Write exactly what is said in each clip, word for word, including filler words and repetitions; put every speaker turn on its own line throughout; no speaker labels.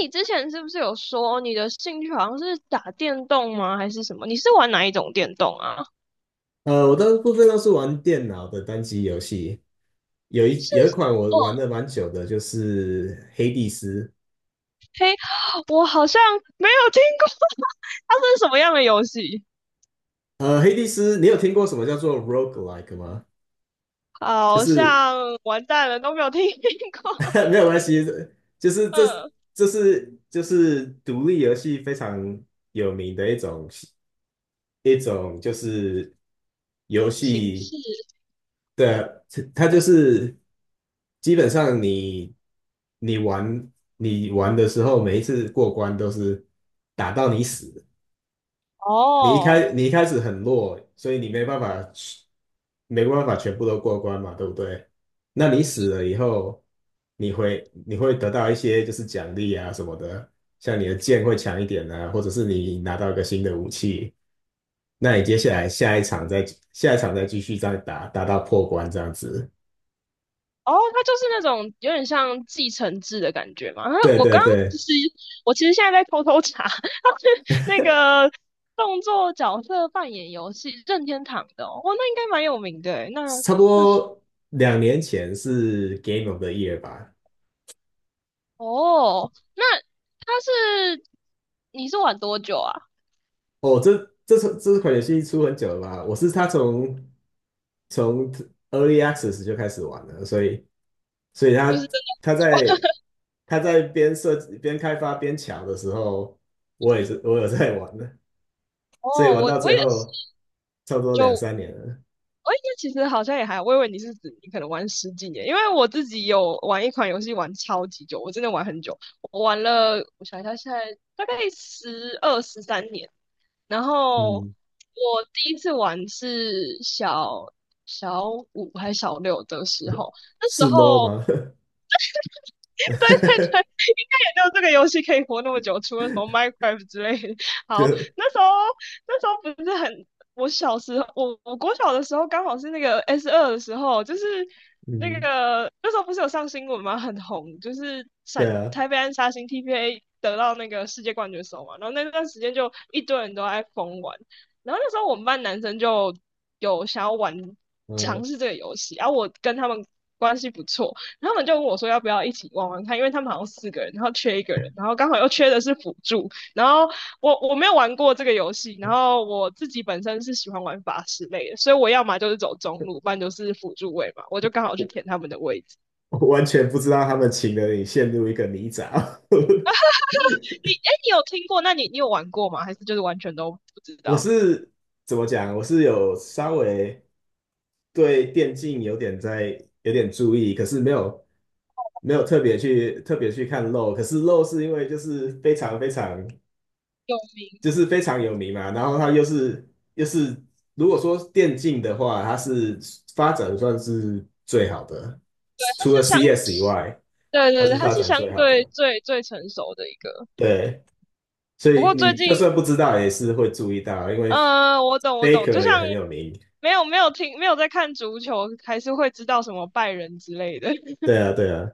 你之前是不是有说你的兴趣好像是打电动吗？还是什么？你是玩哪一种电动啊？
呃，我大部分都是玩电脑的单机游戏，有一
是
有一款我
哦，
玩的蛮久的，就是《黑帝斯》。
嘿，我好像没有听过，它是什么样的游戏？
呃，《黑帝斯》，你有听过什么叫做 roguelike 吗？就
好
是
像完蛋了，都没有听过。
没有关系，就是 这
嗯，
这是就是独立游戏非常有名的一种一种就是游
形
戏
式
的，它就是基本上你你玩你玩的时候，每一次过关都是打到你死。你一
哦。
开你一开始很弱，所以你没办法没办法全部都过关嘛，对不对？那你死了以后，你会你会得到一些就是奖励啊什么的，像你的剑会强一点啊，或者是你拿到一个新的武器，那你接下来下一场再下一场再继续再打，打到破关这样子。
哦，它就是那种有点像继承制的感觉嘛。啊
对
我
对
刚刚其
对，
实，我其实现在在偷偷查，它是那个动作角色扮演游戏任天堂的哦，哇那应该蛮有名的诶那
差不多两年前是 Game of the Year 吧。
哦，那它是你是玩多久啊？
哦，这这这款游戏出很久了吧？我是他从从 Early Access 就开始玩了，所以所以
就是
他他在他在边设计边开发边抢的时候，我也是我有在玩的，
哦，
所以玩
我
到
我
最
也是，
后差不多两
就
三年了。
哦，那其实好像也还好。我以为你是指你可能玩十几年，因为我自己有玩一款游戏玩超级久，我真的玩很久，我玩了，我想一下，现在大概十二十三年。然后
嗯，
我第一次玩是小小五还是小六的时候，那时
是 low
候
吗？
对对，对，应该也就这个游戏可以活那么久，除了什么 Minecraft 之类的。
就
好，那时候那时候不是很，我小时候我我国小的时候刚好是那个 S 二的时候，就是那
嗯，
个那时候不是有上新闻吗？很红，就是
对
闪
啊，
台北安杀星 T P A 得到那个世界冠军手嘛，然后那段时间就一堆人都在疯玩，然后那时候我们班男生就有想要玩
呃，
尝试这个游戏，然后我跟他们关系不错。他们就问我说要不要一起玩玩看，因为他们好像四个人，然后缺一个人，然后刚好又缺的是辅助，然后我我没有玩过这个游戏，然后我自己本身是喜欢玩法师类的，所以我要么就是走中路，不然就是辅助位嘛，我就刚好去
我
填他们的位置。
我完全不知道他们请了你陷入一个泥沼。
你哎，你有听过？那你你有玩过吗？还是就是完全都不知
我
道？
是怎么讲？我是有稍微对电竞有点在有点注意，可是没有没有特别去特别去看漏，可是漏是因为就是非常非常
有名，
就是非常有名嘛，然后它又是又是如果说电竞的话，它是发展算是最好的，
它
除了
是相
C S 以外，
对
它
对对，
是
它
发
是
展
相
最好
对
的。
最最成熟的一个。
对，所
不
以
过最
你就
近
算不知道也是会注意到，因为
嗯，我懂，我懂，就
Faker 也
像
很有名。
没有没有听没有在看足球，还是会知道什么拜仁之类的。
对啊，对啊，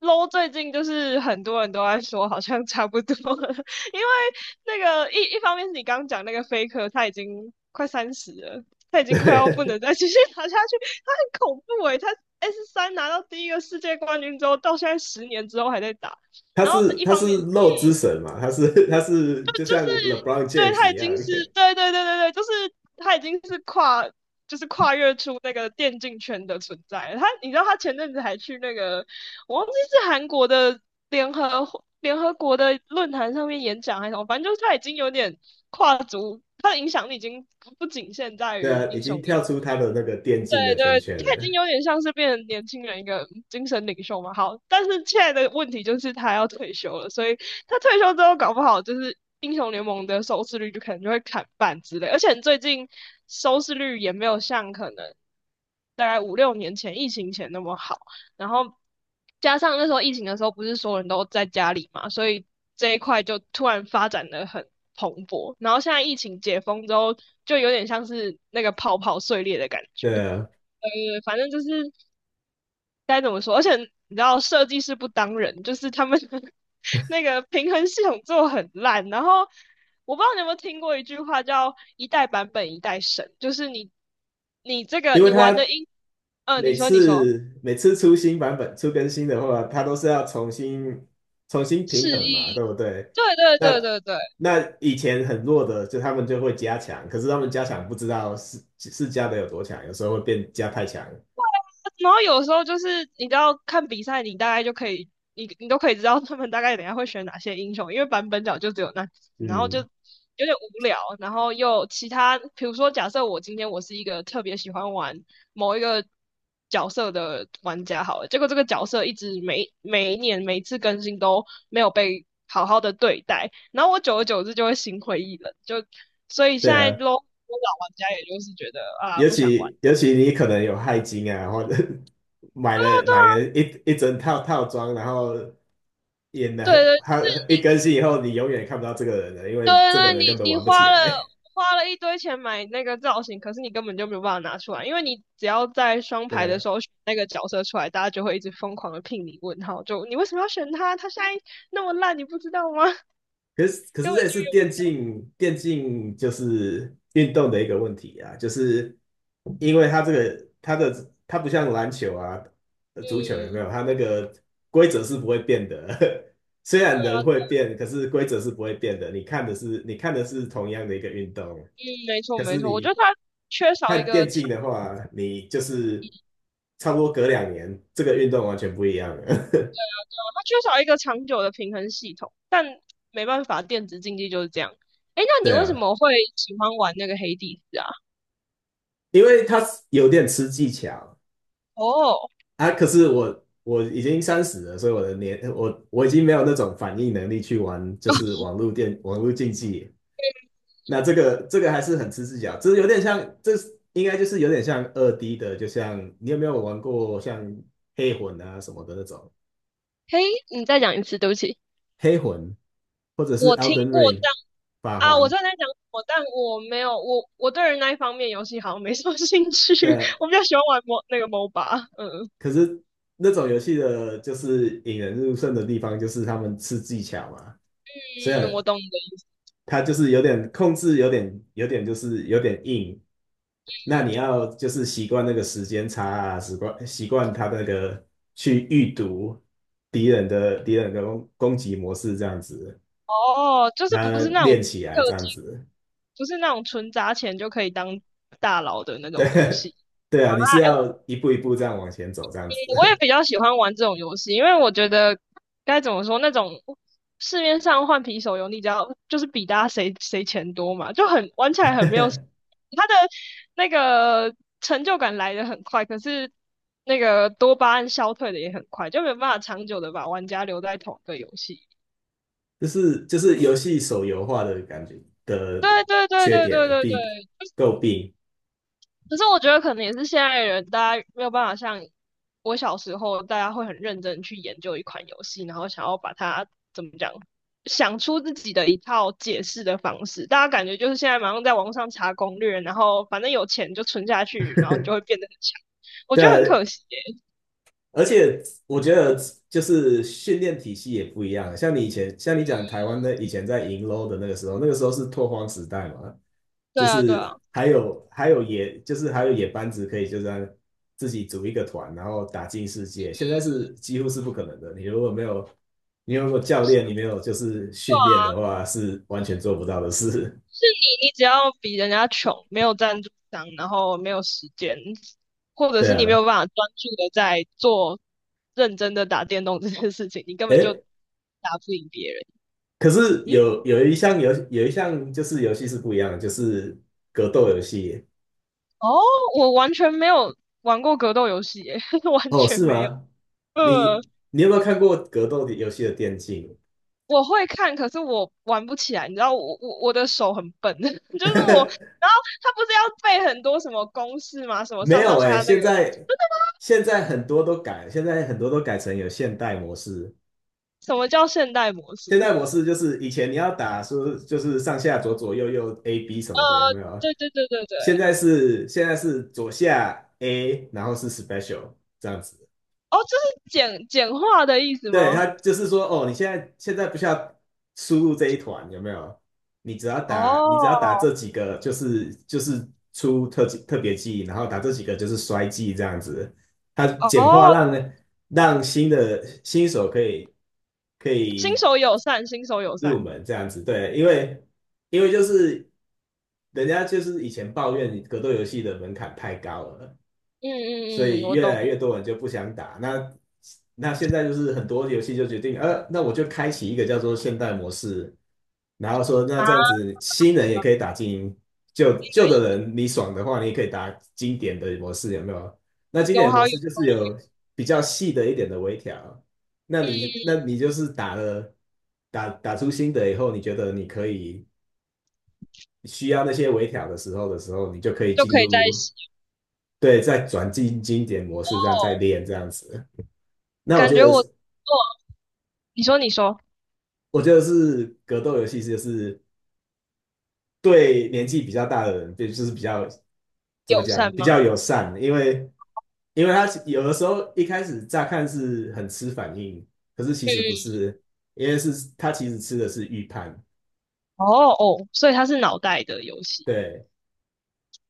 low 最近就是很多人都在说，好像差不多了，因为那个一一方面是你刚刚讲那个 f a 他已经快三十了，他已经快要不能
对，
再继续 打下去，他很恐怖诶、他 S 三拿到第一个世界冠军之后，到现在十年之后还在打，
他
然后
是
一
他
方面。
是漏之
嗯
神嘛，他是他是就像 LeBron
对，
James
他
一
已经
样。
是，对对对对对，就是他已经是跨，就是跨越出那个电竞圈的存在了他，你知道他前阵子还去那个，我忘记是韩国的联合联合国的论坛上面演讲还是什么，反正就是他已经有点跨足，他的影响力已经不不仅限在
对
于
啊，已
英
经
雄联
跳
盟
出他的那个电
对
竞的圈
对，
圈
他已
了。
经有点像是变成年轻人一个精神领袖嘛。好，但是现在的问题就是他要退休了，所以他退休之后搞不好就是英雄联盟的收视率就可能就会砍半之类。而且最近收视率也没有像可能大概五六年前疫情前那么好，然后加上那时候疫情的时候不是所有人都在家里嘛，所以这一块就突然发展的很。蓬勃，然后现在疫情解封之后，就有点像是那个泡泡碎裂的感觉。
对啊，
呃，反正就是该怎么说，而且你知道设计师不当人，就是他们 那个平衡系统做得很烂。然后我不知道你有没有听过一句话叫"一代版本一代神"，就是你你这个
因为
你玩
他
的英，嗯、呃你
每
说你说
次每次出新版本、出更新的话，他都是要重新重新
示
平衡嘛，
意，
对不对？
对对对
那
对对，
那以前很弱的，就他们就会加强，可是他们加强不知道是是加的有多强，有时候会变加太强。
然后有时候就是你知道看比赛，你大概就可以，你你都可以知道他们大概等一下会选哪些英雄，因为版本角就只有那几只然后就有
嗯，
点无聊，然后又其他，比如说假设我今天我是一个特别喜欢玩某一个角色的玩家好了，结果这个角色一直每每一年每一次更新都没有被好好的对待，然后我久而久之就会心灰意冷，就所以现
对
在
啊，
l 老玩家也就是觉得啊
尤
不想玩。
其尤其你可能有钛金啊，或者 买了买了一一整套套装，然后也
对
的
对，就
他
是
一
你
更新以后，你永远看不到这个人了，因
对，
为这个
那你
人根本
你
玩不
花
起
了
来。
花了一堆钱买那个造型，可是你根本就没有办法拿出来，因为你只要在 双
对
排的
啊，
时候选那个角色出来，大家就会一直疯狂的聘礼问号，就你为什么要选他？他现在那么烂，你不知道吗？
可是 可
根
是
本
这也是
就
电竞电竞就是运动的一个问题啊，就是因为他这个他的他不像篮球啊、足球有没
用，
有？
嗯
他那个规则是不会变的，虽然人会变，可是规则是不会变的。你看的是你看的是同样的一个运动，
嗯，没错
可
没
是
错，我觉得
你
他缺少一
看
个
电
长，
竞的话，你就是差不多隔两年，这个运动完全不一样了。
他缺少一个长久的平衡系统，但没办法，电子竞技就是这样。诶，那你
对
为什
啊，
么会喜欢玩那个黑帝斯啊？
因为它有点吃技巧
哦，
啊。可是我我已经三十了，所以我的年我我已经没有那种反应能力去玩，就是 网络电网络竞技。那这个这个还是很吃技巧，这有点像，这应该就是有点像二 D 的，就像你有没有玩过像黑魂啊什么的那种
嘿，你再讲一次，对不起。
黑魂，或者是
我听
Elden
过，
Ring 法
啊，我
环。
知道你在讲我，但我没有，我我对于那一方面游戏好像没什么 兴趣，
的。
我比较喜欢玩 m 那个 MOBA，嗯
可是那种游戏的，就是引人入胜的地方，就是他们吃技巧嘛。虽
嗯，我
然
懂的。
它就是有点控制，有点有点就是有点硬，那你要就是习惯那个时间差啊，习惯习惯他那个去预读敌人的敌人的攻攻击模式这样子，
哦，就是不
那
是那种
练起来这
氪
样
金，
子，
不是那种纯砸钱就可以当大佬的那种游
对
戏。
对啊，你是要一步一步这样往前走这样
嗯，我也
子。
比较喜欢玩这种游戏，因为我觉得该怎么说，那种市面上换皮手游，你只要就是比大家谁谁钱多嘛，就很玩起来很没有 他的那个成就感来得很快，可是那个多巴胺消退的也很快，就没有办法长久的把玩家留在同一个游戏。
就是就是游戏手游化的感觉的
对对对
缺
对对
点
对
弊
对。
诟病，
可是我觉得可能也是现在的人，大家没有办法像我小时候，大家会很认真去研究一款游戏，然后想要把它怎么讲，想出自己的一套解释的方式。大家感觉就是现在马上在网上查攻略，然后反正有钱就存下去，然后你就会变得很强。我
对
觉得很可
啊，
惜耶。
而且我觉得就是训练体系也不一样啊，像你以前像你讲台湾的以前在银 l 的那个时候，那个时候是拓荒时代嘛，就
对啊，对
是
啊。
还有还有野就是还有野班子可以就这样自己组一个团，然后打进世界，现在是几乎是不可能的，你如果没有你如果教练你没有就是训练的话，是完全做不到的事，
你只要比人家穷，没有赞助商，然后没有时间，或 者
对
是你没
啊。
有办法专注的在做认真的打电动这件事情，你根本就打
诶，
不赢别人。
可是
嗯，
有有一项游有一项就是游戏是不一样的，就是格斗游戏。
哦，我完全没有玩过格斗游戏耶，完
哦，
全
是
没有。
吗？
呃，
你你有没有看过格斗的游戏的电竞？
我会看，可是我玩不起来，你知道我我我的手很笨，就是我，然后他不是要背很多什么公式吗？什么
没
上
有
上下
诶，
下那
现
个，
在现在很多都改，现在很多都改成有现代模式。
什么叫现代模式？
现代模式就是以前你要打说就是上下左左右右 A B 什么的，有没有？
对对对对对，
现在是现在是左下 A,然后是 special 这样子。
哦，这是简简化的意思
对，
吗？
他就是说，哦，你现在现在不需要输入这一团，有没有？你只要打，你只要打
哦
这几个，就是就是出特技特别技，然后打这几个就是衰技这样子。他简化
哦，
让呢让新的新手可以可
新
以
手友善，新手友善。
入门这样子，对，因为因为就是人家就是以前抱怨格斗游戏的门槛太高了。
嗯
所
嗯嗯，
以
我
越
懂
来越多人就不想打。那那现在就是很多游戏就决定，呃，那我就开启一个叫做现代模式，然后说那
啊，
这样子新人也可以打精英，旧旧
对，
的人你爽的话，你也可以打经典的模式，有没有？那经
有
典模
好有
式就是有比较细的一点的微调，那你那你就是打了打打出新的以后，你觉得你可以需要那些微调的时候的时候，你就可以
就
进
可以在一
入。
起。
对，再转进经典模式，这样再练这样子。那我
感
觉
觉
得
我做，你说你说
我觉得是格斗游戏，就是对年纪比较大的人，对就是比较怎
友
么讲，
善
比
吗？
较友善，因为因为他有的时候一开始乍看是很吃反应，可是其
嗯
实不
嗯
是，因为是他其实吃的是预判。
哦哦，所以它是脑袋的游戏。
对，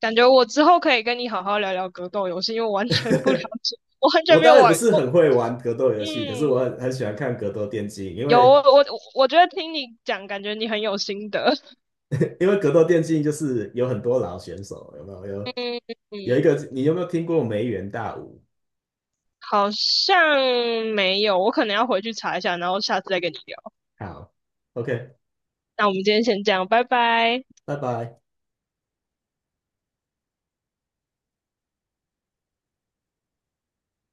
感觉我之后可以跟你好好聊聊格斗游戏，因为我完全不了 解，我完全
我
没
当
有
然不
玩
是
过。
很会玩格斗游戏，可是
嗯，
我很很喜欢看格斗电竞，因
有我
为
我我觉得听你讲，感觉你很有心得。
因为格斗电竞就是有很多老选手，有没有？
嗯
有有一
嗯。
个，你有没有听过梅园大舞？
好像没有，我可能要回去查一下，然后下次再跟你聊。
好，OK,
那我们今天先这样，拜拜。
拜拜。